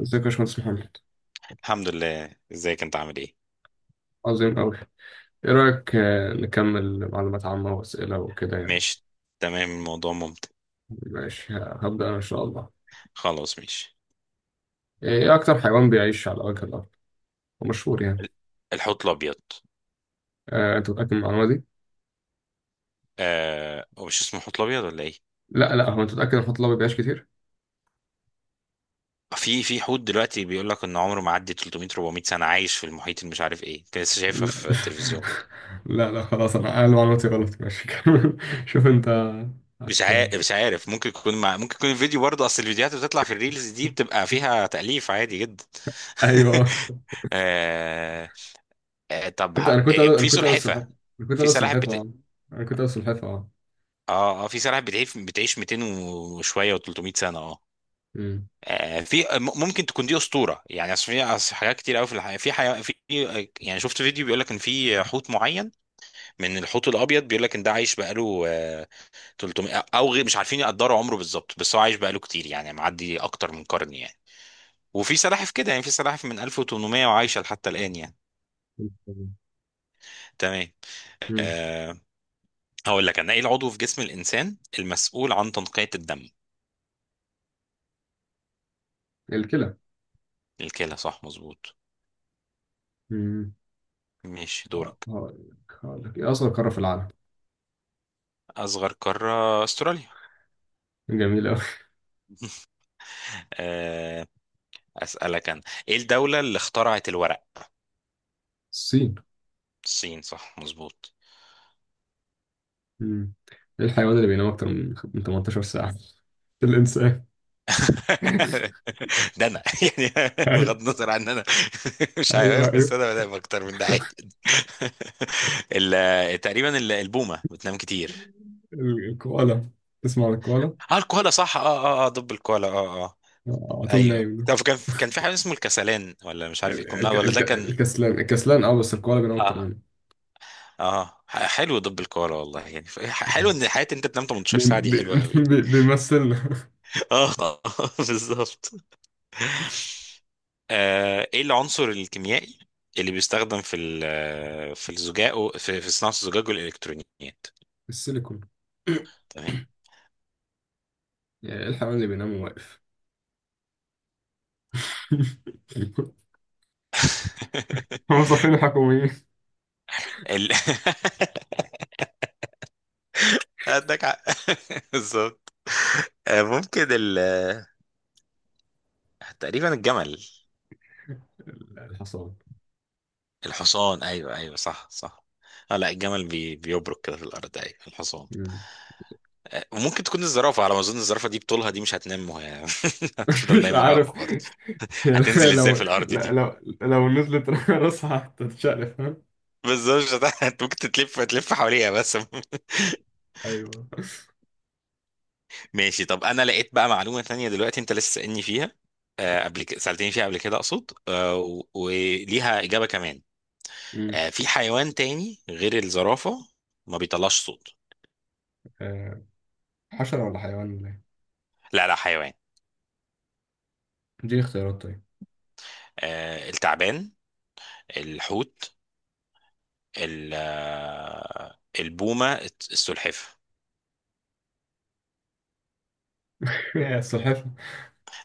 ازيك يا باشمهندس محمد. الحمد لله. ازيك؟ انت عامل ايه؟ عظيم أوي. إيه رأيك، نكمل معلومات عامة وأسئلة وكده يعني؟ ماشي. تمام. الموضوع ممتع. ماشي هبدأ أنا إن شاء الله. خلاص ماشي. إيه أكتر حيوان بيعيش على وجه الأرض ومشهور يعني؟ ال- الحوت الابيض. أنت متأكد من المعلومة دي؟ آه، هو مش اسمه حوت الابيض ولا ايه؟ لا لا، هو أنت متأكد إن الحوت الأبيض بيعيش كتير؟ في حوت دلوقتي بيقول لك ان عمره معدي 300 400 سنه، عايش في المحيط، اللي مش عارف ايه، كنت لسه شايفها لا في التلفزيون. لا لا خلاص، أنا معلوماتي غلط. ماشي كمل. شوف أنت. مش هت... عارف، مش عارف، ممكن يكون الفيديو، برضه اصل الفيديوهات اللي بتطلع في الريلز دي بتبقى فيها تأليف عادي جدا. أيوه. آه... آه... طب ه... كنت أنا كنت أقول- آه، أنا في كنت أقول السلحفاة. سلحفه. أنا كنت في أقول سلاحف السلحفاة بت... أه. أنا كنت أقول السلحفاة أه. اه، اه، في سلاحف بتعيش 200 وشويه و300 سنه، اه. أمم. ممكن تكون دي اسطوره، يعني اصل في أصل حاجات كتير قوي في الحياه في حياه في يعني شفت فيديو بيقول لك ان في حوت معين من الحوت الابيض، بيقول لك ان ده عايش بقاله 300، او غير- مش عارفين يقدروا عمره بالظبط، بس هو عايش بقاله كتير، يعني معدي اكتر من قرن يعني. وفي سلاحف كده، يعني في سلاحف من 1800 وعايشه حتى الان يعني. تمام. أمم. أه، هقول لك انا: ايه العضو في جسم الانسان المسؤول عن تنقيه الدم؟ الكلى. الكلى صح، مظبوط. ماشي دورك. هقول لك. إيه أصغر قارة في العالم؟ أصغر قارة أستراليا. جميل أوي. آه، أسألك أنا: إيه الدولة اللي اخترعت الورق؟ الصين. الصين صح، مظبوط. مم. إيه الحيوان اللي بينام أكتر من 18 ساعة؟ الإنسان. ده أنا. يعني أيوه بغض النظر عن إن أنا مش أيوه حيوان، بس أيوه. أنا بنام أكتر من ده عادي. تقريبا البومة بتنام كتير. الكوالا. تسمع عن الكوالا؟ اه، الكوالا صح، اه، اه، اه، دب الكوالا، اه، اه. على طول ايوه. نايم ده. طب كان في حاجه اسمه الكسلان، ولا مش عارف ايه كنا، ولا ده كان. الكسلان الكسلان أه، بس الكوالا بينام أكتر اه منه. اه، حلو دب الكوره والله، يعني آه. حلو ان حياتي انت تنام 18 بي... ساعه دي، بي... حلوه قوي. بيمثلنا. اه، آه. بالظبط. آه، ايه العنصر الكيميائي اللي بيستخدم في الزجاج في صناعه الزجاج والالكترونيات؟ السيليكون. تمام. يعني إيه الحيوان اللي بينام واقف؟ موظفين الحكوميين. ال... عندك حق. بالظبط. آه، ممكن ال تقريبا الجمل. الحصان. الحصان، ايوه ايوه، صح صح. اه لا، الجمل بيبرك كده في الارض. ايوه الحصان. مم. وممكن تكون الزرافة، على ما أظن الزرافة دي بطولها دي مش هتنام، وهي هتفضل مش نايمة وهي عارف. واقفة برضه. يعني هتنزل لو إزاي في الأرض دي؟ لو نزلت راسها هتتشقلب، فاهم؟ بس ده مش هت- انت ممكن تتلف تلف حواليها بس. ايوه. ماشي. طب أنا لقيت بقى معلومة تانية دلوقتي، أنت لسه سألني فيها، قبل كده سألتني فيها قبل كده أقصد، وليها إجابة كمان. مم. في حيوان تاني غير الزرافة ما بيطلعش صوت. آه، حشرة ولا حيوان ولا ايه؟ لا لا حيوان. دي اختيارات طيب. التعبان، الحوت، البومة، السلحفة. يا السلحفاة.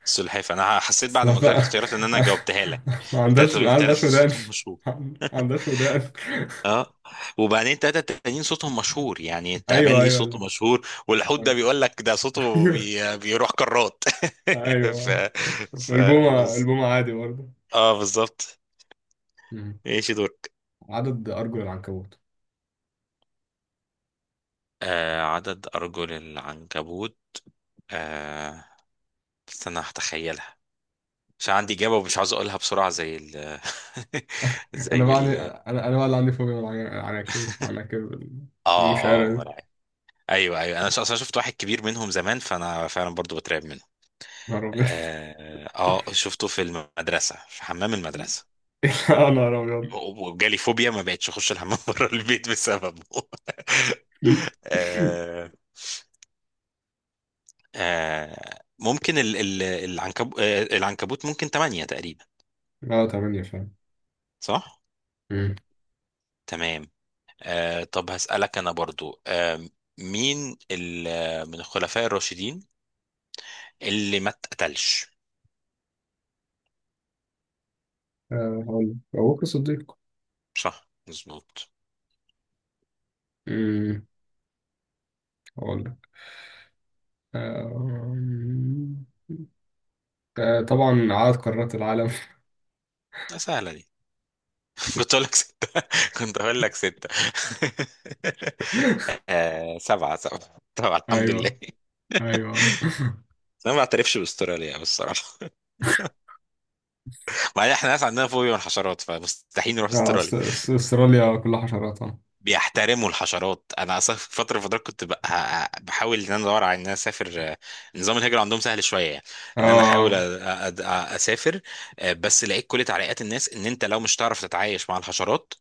سلحفاة، انا حسيت بعد ما قلت لك السلحفاة. اختيارات ان انا جاوبتها لك. ما عندهاش التلاتة، ما التلاتة عندهاش ودان. صوتهم مشهور. ما عندهاش ودان. اه، وبعدين التلاتة التانيين صوتهم مشهور يعني. التعبان ايوه ليه ايوه، صوته لا. مشهور، والحوت ده آه. بيقول لك ده صوته بيروح كرات. ف... ايوه. ف... البومة بز... البومة عادي برضه. اه بالظبط. مم. ماشي دورك. عدد ارجل العنكبوت. آه، عدد ارجل العنكبوت. آه، استنى هتخيلها، مش عندي اجابه ومش عاوز اقولها بسرعه زي ال. انا زي بقى عندي، ال. انا بقى اللي عندي فوبيا من العناكب، العناكب اه المشعرة دي. اه، ايوه ايوه، انا اصلا شفت واحد كبير منهم زمان، فانا فعلا برضو بترعب منه. نهار ابيض. اه، آه، شفته في المدرسه في حمام المدرسه، يا نهار ابيض. وجالي فوبيا، ما بقتش اخش الحمام بره البيت بسببه. آه. آه، ممكن ال ال العنكب آه العنكبوت ممكن تمانية تقريبا. اه تمانية فعلا. صح؟ أمم. تمام. آه، طب هسألك أنا برضو. آه، مين من الخلفاء الراشدين اللي ما اتقتلش؟ هقول لك أبو بكر الصديق. صح مظبوط. أمم. هقول لك. آه، طبعا عدد قارات العالم. سهلة دي، كنت اقول لك ستة. كنت اقول لك ستة. آه، سبعة، سبعة طبعا الحمد لله. أيوه. أيوه. انا ما بعترفش باستراليا بالصراحة. ما احنا ناس عندنا فوبيا من الحشرات، فمستحيل نروح استراليا. أستراليا كلها حشرات اه. بيحترموا الحشرات. انا اصلا في فتره من الفترات كنت بحاول ان انا ادور على ان انا اسافر. نظام الهجره عندهم سهل شويه يعني، ان انا احاول آه، أ- أ- اسافر. بس لقيت كل تعليقات الناس ان انت لو مش تعرف تتعايش مع الحشرات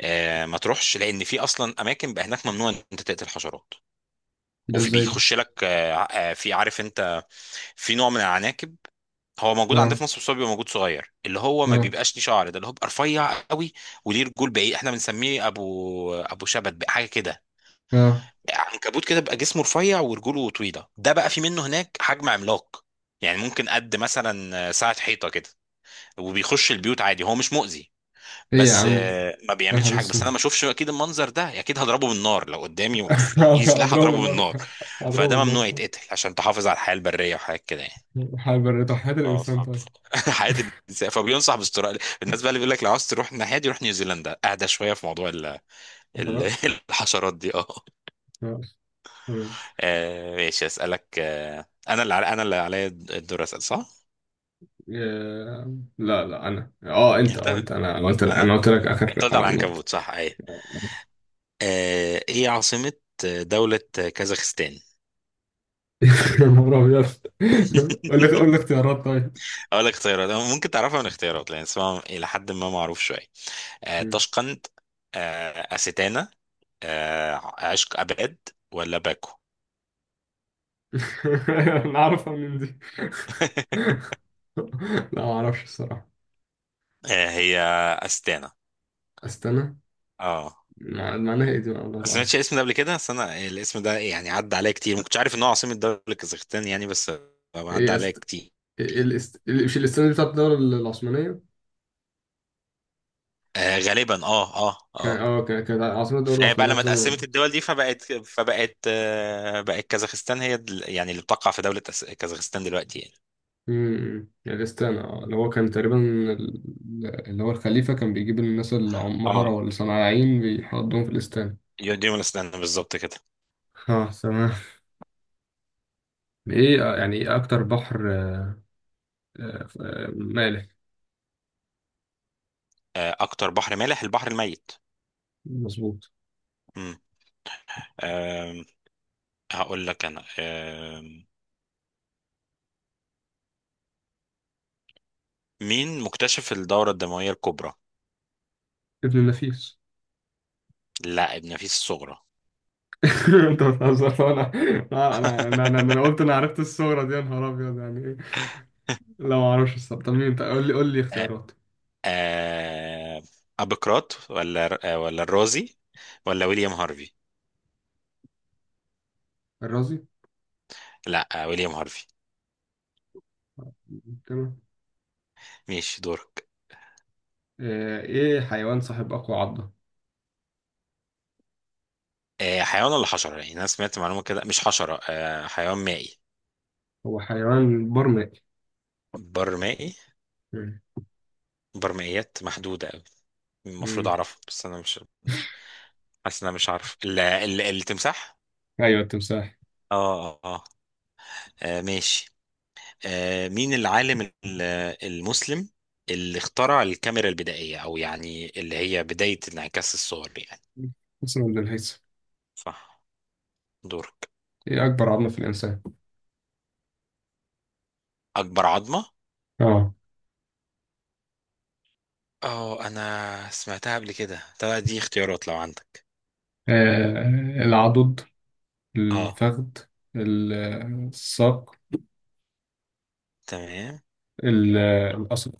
ما تروحش. لان في اصلا اماكن بقى هناك ممنوع ان انت تقتل حشرات. ده وفي ازاي ده؟ بيخش لك في، عارف انت، في نوع من العناكب هو موجود عندنا اه في مصر، بس هو بيبقى موجود صغير اللي هو ما اه بيبقاش ليه شعر، ده اللي هو بيبقى رفيع قوي وليه رجول بعيد، احنا بنسميه ابو شبت حاجه كده. اه. عنكبوت كده بقى جسمه رفيع ورجوله طويله، ده بقى في منه هناك حجم عملاق، يعني ممكن قد مثلا ساعه حيطه كده. وبيخش البيوت عادي، هو مش مؤذي، ايه يا بس عم؟ ما يا بيعملش نهار حاجه، بس اسود. انا ما اشوفش. اكيد المنظر ده اكيد هضربه بالنار، لو قدامي في ايد سلاح اضربه هضربه النار. بالنار. اضربه فده النار. ممنوع يتقتل عشان تحافظ على الحياه البريه وحاجات كده يعني. هيبرد حياة اه، الانسان طيب. حياه الانسان. فبينصح باستراليا الناس بقى، اللي بيقول لك لو عاوز تروح الناحيه دي روح نيوزيلندا، اهدى شويه في موضوع ال... حشرات. الحشرات دي اه. آه. آه ماشي. اسالك آه، انا اللي عليا الدور اسال صح. لا لا، انا انت، انت، أنا قلت، انا انا، قلت لك انت اخر، قلت على انا قلت. العنكبوت، صح. ايه آه، ايه عاصمة دولة كازاخستان؟ يا نهار ابيض. قول لي قول لي اختيارات طيب. اقول لك اختيارات. ممكن تعرفها من اختيارات لان اسمها الى حد ما معروف شوية. آه، مم. طشقند، آه أستانا، آه عشق أباد، ولا باكو. انا عارفها من دي. لا ما اعرفش الصراحه. آه، هي أستانا. استنى. اه. معناها ايه دي، ما ما سمعتش تعرفش؟ الاسم ده قبل كده، بس انا الاسم ده يعني عدى عليا كتير، ما كنتش عارف ان هو عاصمة دولة كازاخستان يعني، بس ايه عدى إيه عليا است... كتير. إيه يعني. الاست، مش الاستانه دي بتاعت الدوله العثمانيه؟ آه غالبا، اه اه كان اه. كانت عاصمه الدوله فبقى العثمانيه في لما اتقسمت زمن. الدول دي، فبقت فبقت آه بقت كازاخستان هي يعني اللي بتقع في دولة كازاخستان دلوقتي يعني. الستان، اللي هو كان تقريبا اللي هو الخليفة كان بيجيب الناس اللي عمهرة اه، ولا صناعيين بيحطهم في الاستان. يوديمونستان بالظبط كده. اه تمام. ايه يعني ايه اكتر بحر مالح؟ آه، اكتر بحر مالح البحر الميت. مظبوط. امم. آم، هقول لك انا: آم، مين مكتشف الدورة الدموية الكبرى؟ ابن النفيس. لا، ابن نفيس الصغرى. انت بتهزر. انا، انا أنا قلت، انا عرفت الصورة دي يا نهار ابيض. يعني ايه؟ لا ما اعرفش الصراحة. طب مين؟ طب قول لي آه، اختيارات. آه، ابوقراط ولا الرازي، ولا ويليام هارفي؟ الرازي. لا، آه، ويليام هارفي. تمام. ماشي دورك. ايه حيوان صاحب اقوى عضة؟ آه، حيوان ولا حشرة يعني؟ أنا سمعت معلومة كده، مش حشرة، آه، حيوان مائي. هو حيوان برمائي. بر مائي. مم. بر مائيات محدودة أوي، المفروض مم. أعرفها، بس أنا مش حاسس إن أنا مش عارف. التمساح. ايوه، التمساح. آه آه آه. آه، ماشي. آه، مين العالم المسلم اللي اخترع الكاميرا البدائية، أو يعني اللي هي بداية انعكاس الصور يعني؟ اسمه ابن الهيثم. صح. دورك. ايه اكبر عظمه في الانسان؟ أكبر عظمة. اه. اه، أنا سمعتها قبل كده، طب دي اختيارات لو عندك. آه، العضد، اه الفخذ، ال- الساق، تمام. ال- القصر.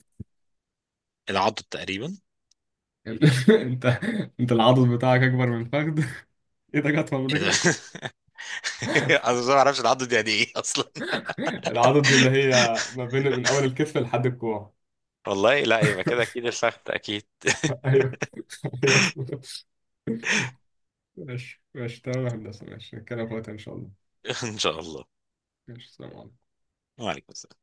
العضد تقريبا. ال- انت، انت العضد بتاعك اكبر من الفخذ؟ ايدك اطول من ايه ده؟ رجلك. انا بس ما اعرفش العضه دي يعني ايه اصلا. العضد دي اللي هي ما بين من اول الكتف لحد الكوع. والله لا، يبقى كده اكيد الفخذ، اكيد. ايوه. ايوه. ماشي ماشي تمام يا هندسه. ماشي نتكلم في وقتها ان شاء الله. ان شاء الله. ماشي. سلام عليكم. وعليكم السلام.